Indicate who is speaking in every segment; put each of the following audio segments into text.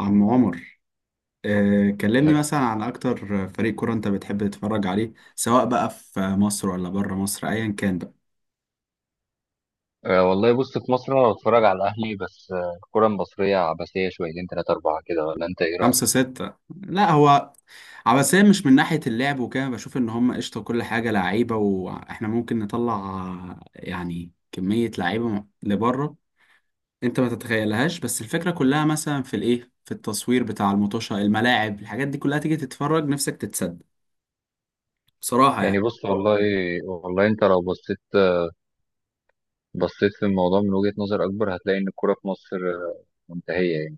Speaker 1: عم عمر، كلمني مثلا عن اكتر فريق كورة انت بتحب تتفرج عليه سواء بقى في مصر ولا بره مصر ايا كان بقى.
Speaker 2: أه والله بص، في مصر انا بتفرج على الاهلي بس. الكره المصريه عبثيه، شويتين ثلاثه اربعه كده، ولا انت ايه رايك؟
Speaker 1: خمسة ستة. لا، هو عباسية مش من ناحية اللعب وكده. بشوف ان هم قشطة كل حاجة لعيبة، واحنا ممكن نطلع يعني كمية لعيبة لبره. انت ما تتخيلهاش، بس الفكرة كلها مثلا في الايه، في التصوير بتاع المطوشة، الملاعب، الحاجات دي كلها. تيجي تتفرج، نفسك تتصدق بصراحة
Speaker 2: يعني
Speaker 1: يعني.
Speaker 2: بص والله. انت لو بصيت في الموضوع من وجهه نظر اكبر، هتلاقي ان الكره في مصر منتهيه يعني.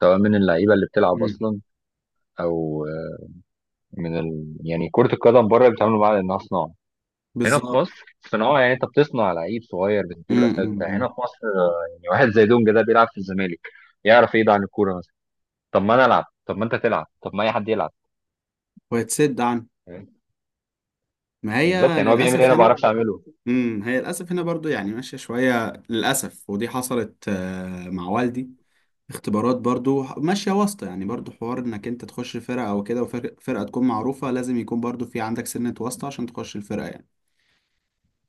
Speaker 2: سواء من اللعيبه اللي بتلعب
Speaker 1: امم
Speaker 2: اصلا، او يعني كره القدم بره بيتعاملوا معاها انها صناعه. هنا في
Speaker 1: بالظبط.
Speaker 2: مصر صناعه، يعني انت بتصنع لعيب صغير بتديله الاساس
Speaker 1: أمم،
Speaker 2: بتاعه هنا
Speaker 1: أمم.
Speaker 2: في مصر. يعني واحد زي دونجا ده بيلعب في الزمالك، يعرف ايه ده عن الكوره مثلا؟ طب ما انا العب، طب ما انت تلعب، طب ما اي حد يلعب.
Speaker 1: ويتسد عنه. ما
Speaker 2: بالظبط،
Speaker 1: هي
Speaker 2: يعني هو بيعمل ايه
Speaker 1: للأسف
Speaker 2: انا ما
Speaker 1: هنا.
Speaker 2: بعرفش اعمله؟
Speaker 1: هي للأسف هنا برضو يعني ماشية شوية للأسف، ودي حصلت مع والدي. اختبارات برضو ماشية واسطة، يعني برضو حوار انك انت تخش فرقة او كده، وفرقة تكون معروفة لازم يكون برضو في عندك سنة واسطة عشان تخش الفرقة يعني.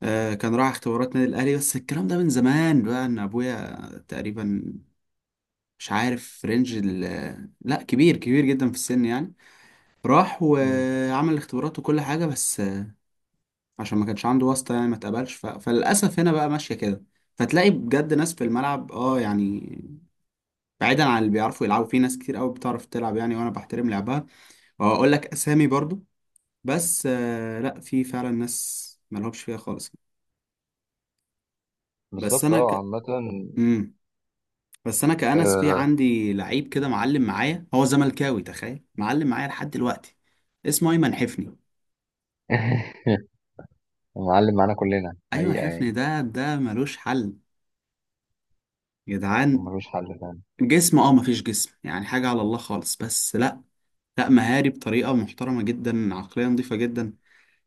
Speaker 1: آه، كان راح اختبارات نادي الاهلي، بس الكلام ده من زمان بقى. ان ابويا تقريبا، مش عارف رينج لا، كبير كبير جدا في السن يعني. راح
Speaker 2: مم.
Speaker 1: وعمل اختبارات وكل حاجة، بس عشان ما كانش عنده واسطة يعني ما اتقبلش. فللأسف هنا بقى ماشية كده. فتلاقي بجد ناس في الملعب، اه يعني بعيدا عن اللي بيعرفوا يلعبوا، في ناس كتير قوي بتعرف تلعب يعني، وانا بحترم لعبها واقول لك اسامي برضو. بس آه، لا، في فعلا ناس ملهمش فيها خالص. بس
Speaker 2: بالظبط،
Speaker 1: انا
Speaker 2: اه.
Speaker 1: ك
Speaker 2: عامة
Speaker 1: مم. بس انا كأنس، في
Speaker 2: آه،
Speaker 1: عندي لعيب كده معلم معايا، هو زملكاوي، تخيل، معلم معايا لحد دلوقتي. اسمه ايمن حفني.
Speaker 2: معلم معانا كلنا
Speaker 1: ايمن
Speaker 2: حقيقة
Speaker 1: حفني
Speaker 2: يعني.
Speaker 1: ده ملوش حل يا
Speaker 2: هو
Speaker 1: جدعان.
Speaker 2: ملوش حل فعلا.
Speaker 1: جسم، اه مفيش جسم يعني، حاجة على الله خالص، بس لا، لا، مهاري بطريقة محترمة جدا، عقلية نظيفة جدا.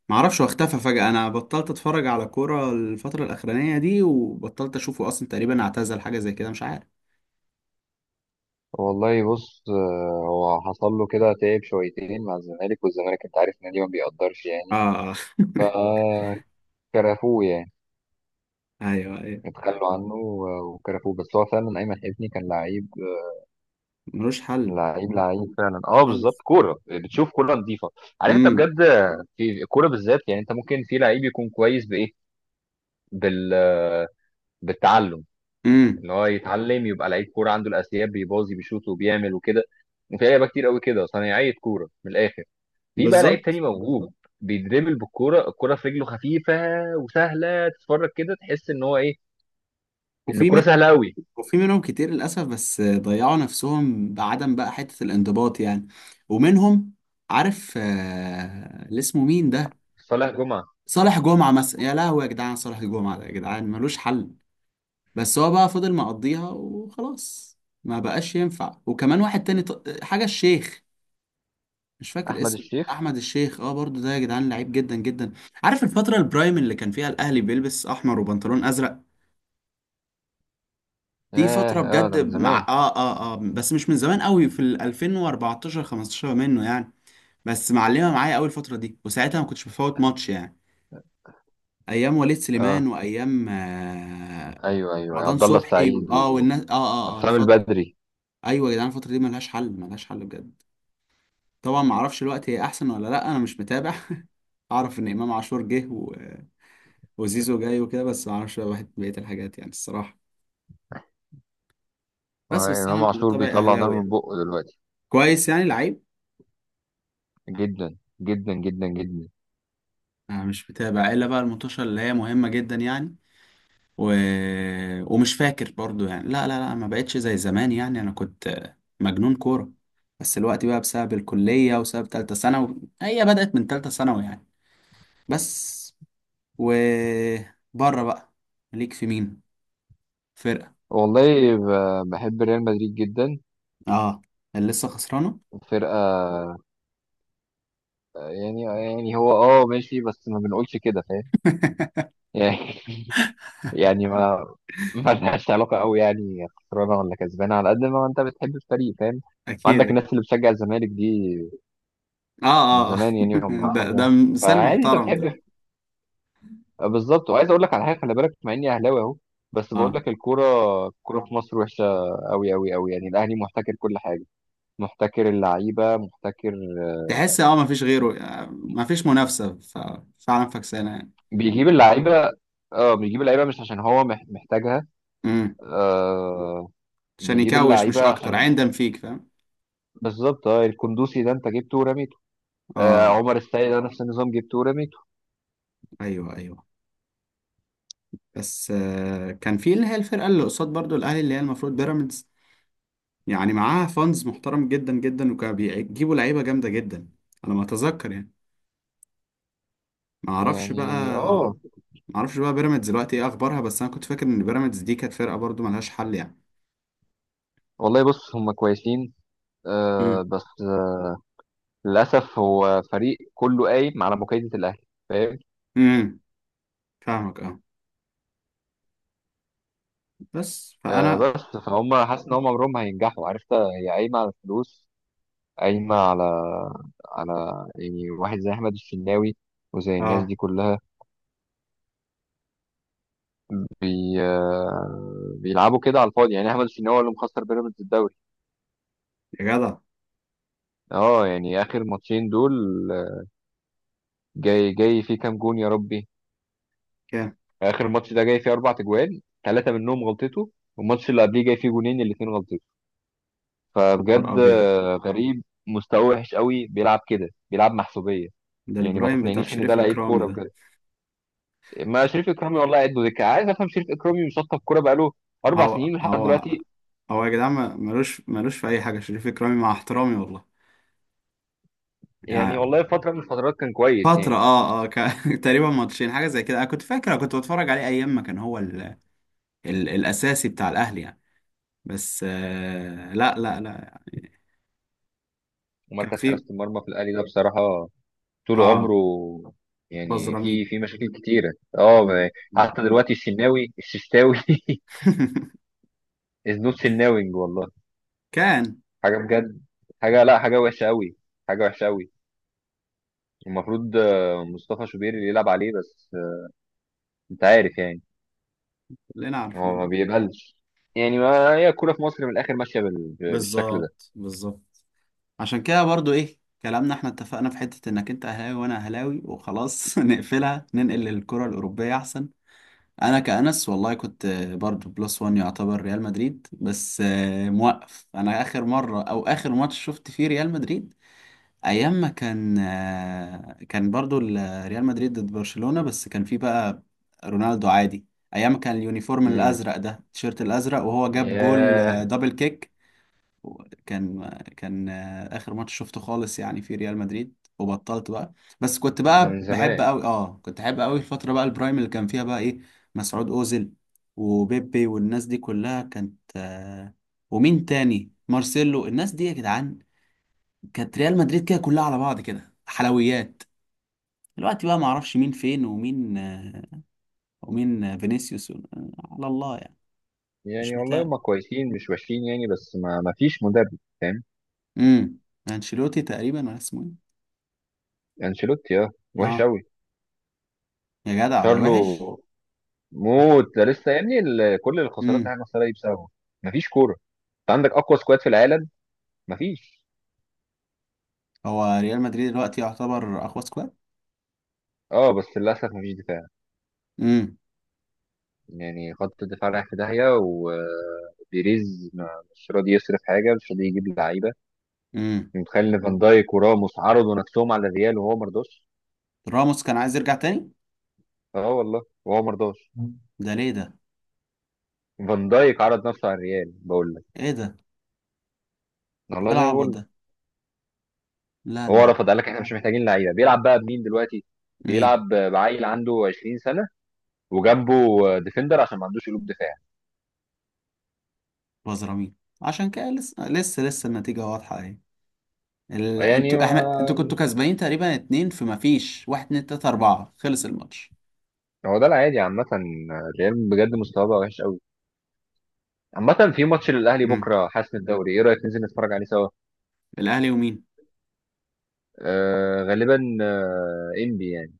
Speaker 1: معرفش هو اختفى فجأة، أنا بطلت أتفرج على كورة الفترة الأخرانية دي وبطلت أشوفه أصلا. تقريبا اعتزل، حاجة زي كده، مش عارف.
Speaker 2: والله بص، هو حصل له كده تعب شويتين مع الزمالك، والزمالك انت عارف النادي ما بيقدرش
Speaker 1: آه
Speaker 2: يعني،
Speaker 1: آه.
Speaker 2: فكرفوه يعني.
Speaker 1: أيوه، أيوه،
Speaker 2: اتخلوا عنه وكرفوه، بس هو فعلا ايمن حفني كان لعيب.
Speaker 1: ملوش حل،
Speaker 2: لعيب فعلا،
Speaker 1: ملوش
Speaker 2: اه
Speaker 1: حل.
Speaker 2: بالظبط. كوره بتشوف كوره نظيفه، عارف انت
Speaker 1: امم
Speaker 2: بجد؟ في الكوره بالذات، يعني انت ممكن في لعيب يكون كويس بايه، بال بالتعلم.
Speaker 1: امم
Speaker 2: اللي هو يتعلم يبقى لعيب كوره، عنده الاساسيات، بيباظي بيشوط وبيعمل وكده. وفي لعيبه كتير قوي كده صنايعيه كوره من الاخر. في بقى لعيب
Speaker 1: بالظبط.
Speaker 2: تاني موهوب، بيدربل بالكوره، الكوره في رجله خفيفه وسهله. تتفرج كده تحس ان هو ايه، ان
Speaker 1: وفي من
Speaker 2: الكوره سهله قوي.
Speaker 1: وفي منهم كتير للأسف، بس ضيعوا نفسهم بعدم بقى حتة الانضباط يعني. ومنهم، عارف، اللي اسمه مين ده؟
Speaker 2: صالح جمعه.
Speaker 1: صالح جمعة مثلا، يا لهوي يا جدعان، صالح جمعة ده يا جدعان ملوش حل، بس هو بقى فضل مقضيها وخلاص، ما بقاش ينفع. وكمان واحد تاني، حاجة الشيخ، مش فاكر
Speaker 2: احمد
Speaker 1: اسمه،
Speaker 2: الشيخ.
Speaker 1: احمد الشيخ، اه برضو ده يا جدعان لعيب جدا جدا. عارف الفترة البرايم اللي كان فيها الاهلي بيلبس احمر وبنطلون ازرق؟ دي
Speaker 2: اه
Speaker 1: فترة
Speaker 2: اه،
Speaker 1: بجد
Speaker 2: ده من
Speaker 1: مع
Speaker 2: زمان.
Speaker 1: بس مش من زمان قوي، في ال 2014 15 منه يعني. بس معلمة معايا قوي الفترة دي، وساعتها ما كنتش بفوت ماتش يعني. ايام وليد سليمان،
Speaker 2: اه
Speaker 1: وايام
Speaker 2: ايوه ايوه،
Speaker 1: رمضان
Speaker 2: عبد الله
Speaker 1: صبحي
Speaker 2: السعيد
Speaker 1: والناس،
Speaker 2: وحسام
Speaker 1: الفترة.
Speaker 2: البدري.
Speaker 1: ايوه يا جدعان، الفتره دي ملهاش حل، ملهاش حل بجد. طبعا ما اعرفش الوقت هي احسن ولا لا، انا مش متابع. اعرف ان امام عاشور جه وزيزو جاي وكده، بس ما اعرفش بقى بقيه الحاجات يعني، الصراحه.
Speaker 2: آه
Speaker 1: بس انا
Speaker 2: امام
Speaker 1: من
Speaker 2: عاشور
Speaker 1: طبعي
Speaker 2: بيطلع نار
Speaker 1: اهلاوي
Speaker 2: من
Speaker 1: يعني.
Speaker 2: بقه دلوقتي،
Speaker 1: كويس، يعني لعيب.
Speaker 2: جدا جدا جدا جدا.
Speaker 1: انا مش متابع، الا بقى المنتشر اللي هي مهمه جدا يعني. و... ومش فاكر برضو يعني، لا، ما بقتش زي زمان يعني. انا كنت مجنون كوره، بس الوقت بقى بسبب الكليه، وسبب تالتة ثانوي، هي بدات من تالتة ثانوي يعني. بس. وبره بقى، ليك في مين فرقة؟
Speaker 2: والله بحب ريال مدريد جدا.
Speaker 1: اه، اللي لسه خسرانة.
Speaker 2: فرقة يعني، هو اه ماشي بس ما بنقولش كده، فاهم؟ يعني يعني ما ما لهاش علاقة قوي يعني، خسرانة ولا كسبانة، على قد ما انت بتحب الفريق، فاهم؟
Speaker 1: اكيد،
Speaker 2: وعندك
Speaker 1: اكيد.
Speaker 2: الناس اللي بتشجع الزمالك دي
Speaker 1: اه
Speaker 2: من
Speaker 1: اه آه.
Speaker 2: زمان يعني، هم
Speaker 1: ده،
Speaker 2: حد.
Speaker 1: ده مثال
Speaker 2: فعادي، انت
Speaker 1: محترم ده.
Speaker 2: بتحب. بالظبط، وعايز اقول لك على حاجة، خلي بالك، مع اني اهلاوي اهو، بس بقول
Speaker 1: اه،
Speaker 2: لك الكورة. الكورة في مصر وحشة قوي قوي قوي، يعني الاهلي محتكر كل حاجة، محتكر اللعيبة، محتكر. آه،
Speaker 1: تحس اه مفيش غيره، مفيش منافسة، ففعلا فكسانة يعني.
Speaker 2: بيجيب اللعيبة. اه، بيجيب اللعيبة مش عشان هو محتاجها.
Speaker 1: امم
Speaker 2: آه
Speaker 1: عشان
Speaker 2: بيجيب
Speaker 1: يكوش، مش
Speaker 2: اللعيبه
Speaker 1: اكتر،
Speaker 2: عشان،
Speaker 1: عندم فيك فاهم.
Speaker 2: بالظبط اه. الكندوسي ده انت جبته ورميته. آه
Speaker 1: اه،
Speaker 2: عمر السيد ده نفس النظام، جبته ورميته.
Speaker 1: ايوه، ايوه. بس آه، كان في اللي هي الفرقة اللي قصاد برضو الاهلي، اللي هي المفروض بيراميدز يعني، معاها فانز محترم جدا جدا، وكانوا بيجيبوا لعيبة جامدة جدا على ما اتذكر يعني. ما اعرفش
Speaker 2: يعني
Speaker 1: بقى،
Speaker 2: اه.
Speaker 1: معرفش بقى بيراميدز دلوقتي ايه اخبارها، بس انا كنت فاكر ان بيراميدز دي كانت فرقه برضو ملهاش حل يعني.
Speaker 2: والله بص، هم كويسين آه،
Speaker 1: امم
Speaker 2: بس للاسف هو فريق كله قايم على مكايده الاهلي، فاهم؟
Speaker 1: امم فاهمك، اه، بس
Speaker 2: آه
Speaker 1: فانا،
Speaker 2: بس، فهم حاسس ان هم عمرهم ما هينجحوا. عرفت، هي قايمه على الفلوس، قايمه على يعني، واحد زي احمد الشناوي وزي الناس
Speaker 1: اه.
Speaker 2: دي كلها، بي آه، بيلعبوا كده على الفاضي. يعني احمد الشناوي هو اللي مخسر بيراميدز الدوري،
Speaker 1: يا جدع،
Speaker 2: اه. يعني اخر ماتشين دول، جاي فيه كام جون يا ربي!
Speaker 1: كام،
Speaker 2: اخر ماتش ده جاي فيه 4 تجوان، ثلاثه منهم غلطته. والماتش اللي قبليه جاي فيه جونين الاثنين غلطته.
Speaker 1: نهار
Speaker 2: فبجد
Speaker 1: ابيض،
Speaker 2: غريب، مستواه وحش قوي، بيلعب كده بيلعب محسوبيه.
Speaker 1: ده
Speaker 2: يعني ما
Speaker 1: البرايم بتاع
Speaker 2: تقنعنيش ان ده
Speaker 1: شريف
Speaker 2: لعيب
Speaker 1: اكرامي
Speaker 2: كوره
Speaker 1: ده.
Speaker 2: بجد. ما شريف اكرامي والله قد دكه، عايز افهم شريف اكرامي مشطب كوره بقاله اربع
Speaker 1: هو
Speaker 2: سنين لحد
Speaker 1: هو
Speaker 2: دلوقتي.
Speaker 1: هو يا جدعان ملوش في اي حاجه شريف اكرامي، مع احترامي والله
Speaker 2: يعني
Speaker 1: يعني.
Speaker 2: والله فتره من الفترات كان كويس
Speaker 1: فترة،
Speaker 2: يعني.
Speaker 1: تقريبا ماتشين حاجة زي كده، انا كنت فاكر، أنا كنت بتفرج عليه ايام ما كان هو ال... الاساسي بتاع الاهلي يعني. بس آه، لا يعني. كان
Speaker 2: ومركز
Speaker 1: في،
Speaker 2: حراسه المرمى في الاهلي ده بصراحه طول عمره
Speaker 1: اه،
Speaker 2: يعني
Speaker 1: بزرامين.
Speaker 2: في في مشاكل كتيرة، اه
Speaker 1: مم.
Speaker 2: حتى
Speaker 1: مم.
Speaker 2: دلوقتي، الشناوي الششتاوي از نوت سناوينج والله
Speaker 1: كان.
Speaker 2: حاجة بجد. حاجة لا حاجة وحشة قوي، حاجة وحشة قوي المفروض مصطفى شوبير اللي يلعب عليه، بس انت عارف يعني،
Speaker 1: كلنا
Speaker 2: هو ما
Speaker 1: عارفين.
Speaker 2: بيقبلش. يعني ما هي الكورة في مصر من الآخر ماشية بالشكل ده.
Speaker 1: بالظبط، بالظبط. عشان كده برضو ايه كلامنا، احنا اتفقنا في حتة انك انت اهلاوي وانا اهلاوي وخلاص. نقفلها، ننقل للكرة الاوروبية احسن. انا كأنس والله كنت برضو بلس وان، يعتبر ريال مدريد. بس آه، موقف، انا اخر مرة او اخر ماتش شفت فيه ريال مدريد، ايام ما كان كان برضو ريال مدريد ضد برشلونة. بس كان في بقى رونالدو عادي، ايام ما كان اليونيفورم
Speaker 2: امم.
Speaker 1: الازرق ده، التيشيرت الازرق، وهو جاب جول،
Speaker 2: ياه.
Speaker 1: دبل كيك. كان اخر ماتش شفته خالص يعني في ريال مدريد، وبطلت بقى. بس كنت
Speaker 2: ده
Speaker 1: بقى
Speaker 2: من
Speaker 1: بحب
Speaker 2: زمان
Speaker 1: قوي، اه، كنت احب قوي الفترة بقى، البرايم اللي كان فيها بقى ايه، مسعود اوزيل، وبيبي، والناس دي كلها كانت ومين تاني، مارسيلو، الناس دي يا جدعان، كانت ريال مدريد كده كلها على بعض كده حلويات. دلوقتي بقى ما اعرفش مين فين، ومين ومين فينيسيوس، على الله يعني. مش
Speaker 2: يعني. والله
Speaker 1: متابع.
Speaker 2: هم كويسين مش وحشين يعني، بس ما فيش مدرب فاهم.
Speaker 1: امم انشيلوتي تقريبا، ولا اسمه ايه.
Speaker 2: انشيلوتي اه وحش
Speaker 1: اه،
Speaker 2: قوي.
Speaker 1: يا جدع ده
Speaker 2: شارلو
Speaker 1: وحش.
Speaker 2: موت ده لسه يا ابني، كل الخسارات اللي
Speaker 1: امم
Speaker 2: احنا خسرها دي بسببه. مفيش كوره، انت عندك اقوى سكواد في العالم، مفيش.
Speaker 1: هو ريال مدريد دلوقتي يعتبر اقوى سكواد.
Speaker 2: اه بس للاسف مفيش دفاع،
Speaker 1: امم
Speaker 2: يعني خط الدفاع رايح في داهيه، وبيريز مش راضي يصرف حاجه، مش راضي يجيب لعيبه.
Speaker 1: امم
Speaker 2: متخيل ان فان دايك وراموس عرضوا نفسهم على الريال وهو مرضاش!
Speaker 1: راموس كان عايز يرجع تاني.
Speaker 2: اه والله، وهو مرضاش.
Speaker 1: ده ليه ده؟
Speaker 2: فان دايك عرض نفسه على الريال، بقول لك.
Speaker 1: ايه ده؟ ايه
Speaker 2: والله زي ما
Speaker 1: العبط
Speaker 2: بقول لك.
Speaker 1: ده؟ لا،
Speaker 2: هو
Speaker 1: لا.
Speaker 2: رفض، قال لك احنا مش محتاجين لعيبه. بيلعب بقى بمين دلوقتي؟
Speaker 1: مين؟
Speaker 2: بيلعب بعيل عنده 20 سنه، وجنبه ديفندر، عشان ما عندوش قلوب دفاع.
Speaker 1: بزرامين. عشان كده لسه لسه لسه النتيجة واضحة اهي.
Speaker 2: يعني
Speaker 1: انتوا، احنا، انتوا كنتوا كسبانين تقريبا اتنين، فما فيش، واحد اتنين تلاتة اربعة، خلص الماتش.
Speaker 2: هو ده العادي عامة. الريال بجد مستواه بقى وحش قوي. عامة، في ماتش للأهلي
Speaker 1: امم
Speaker 2: بكرة حسم الدوري، ايه رأيك ننزل نتفرج عليه سوا؟
Speaker 1: الاهلي ومين؟
Speaker 2: آه غالبا آه انبي يعني،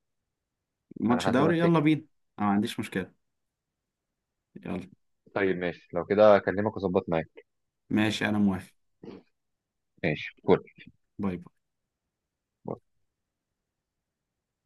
Speaker 2: على
Speaker 1: ماتش
Speaker 2: حد ما
Speaker 1: دوري، يلا
Speaker 2: افتكر.
Speaker 1: بينا، انا ما عنديش مشكلة، يلا.
Speaker 2: طيب ماشي، لو كده اكلمك واظبط معاك.
Speaker 1: ماشي، انا موافق.
Speaker 2: ماشي كول.
Speaker 1: باي باي.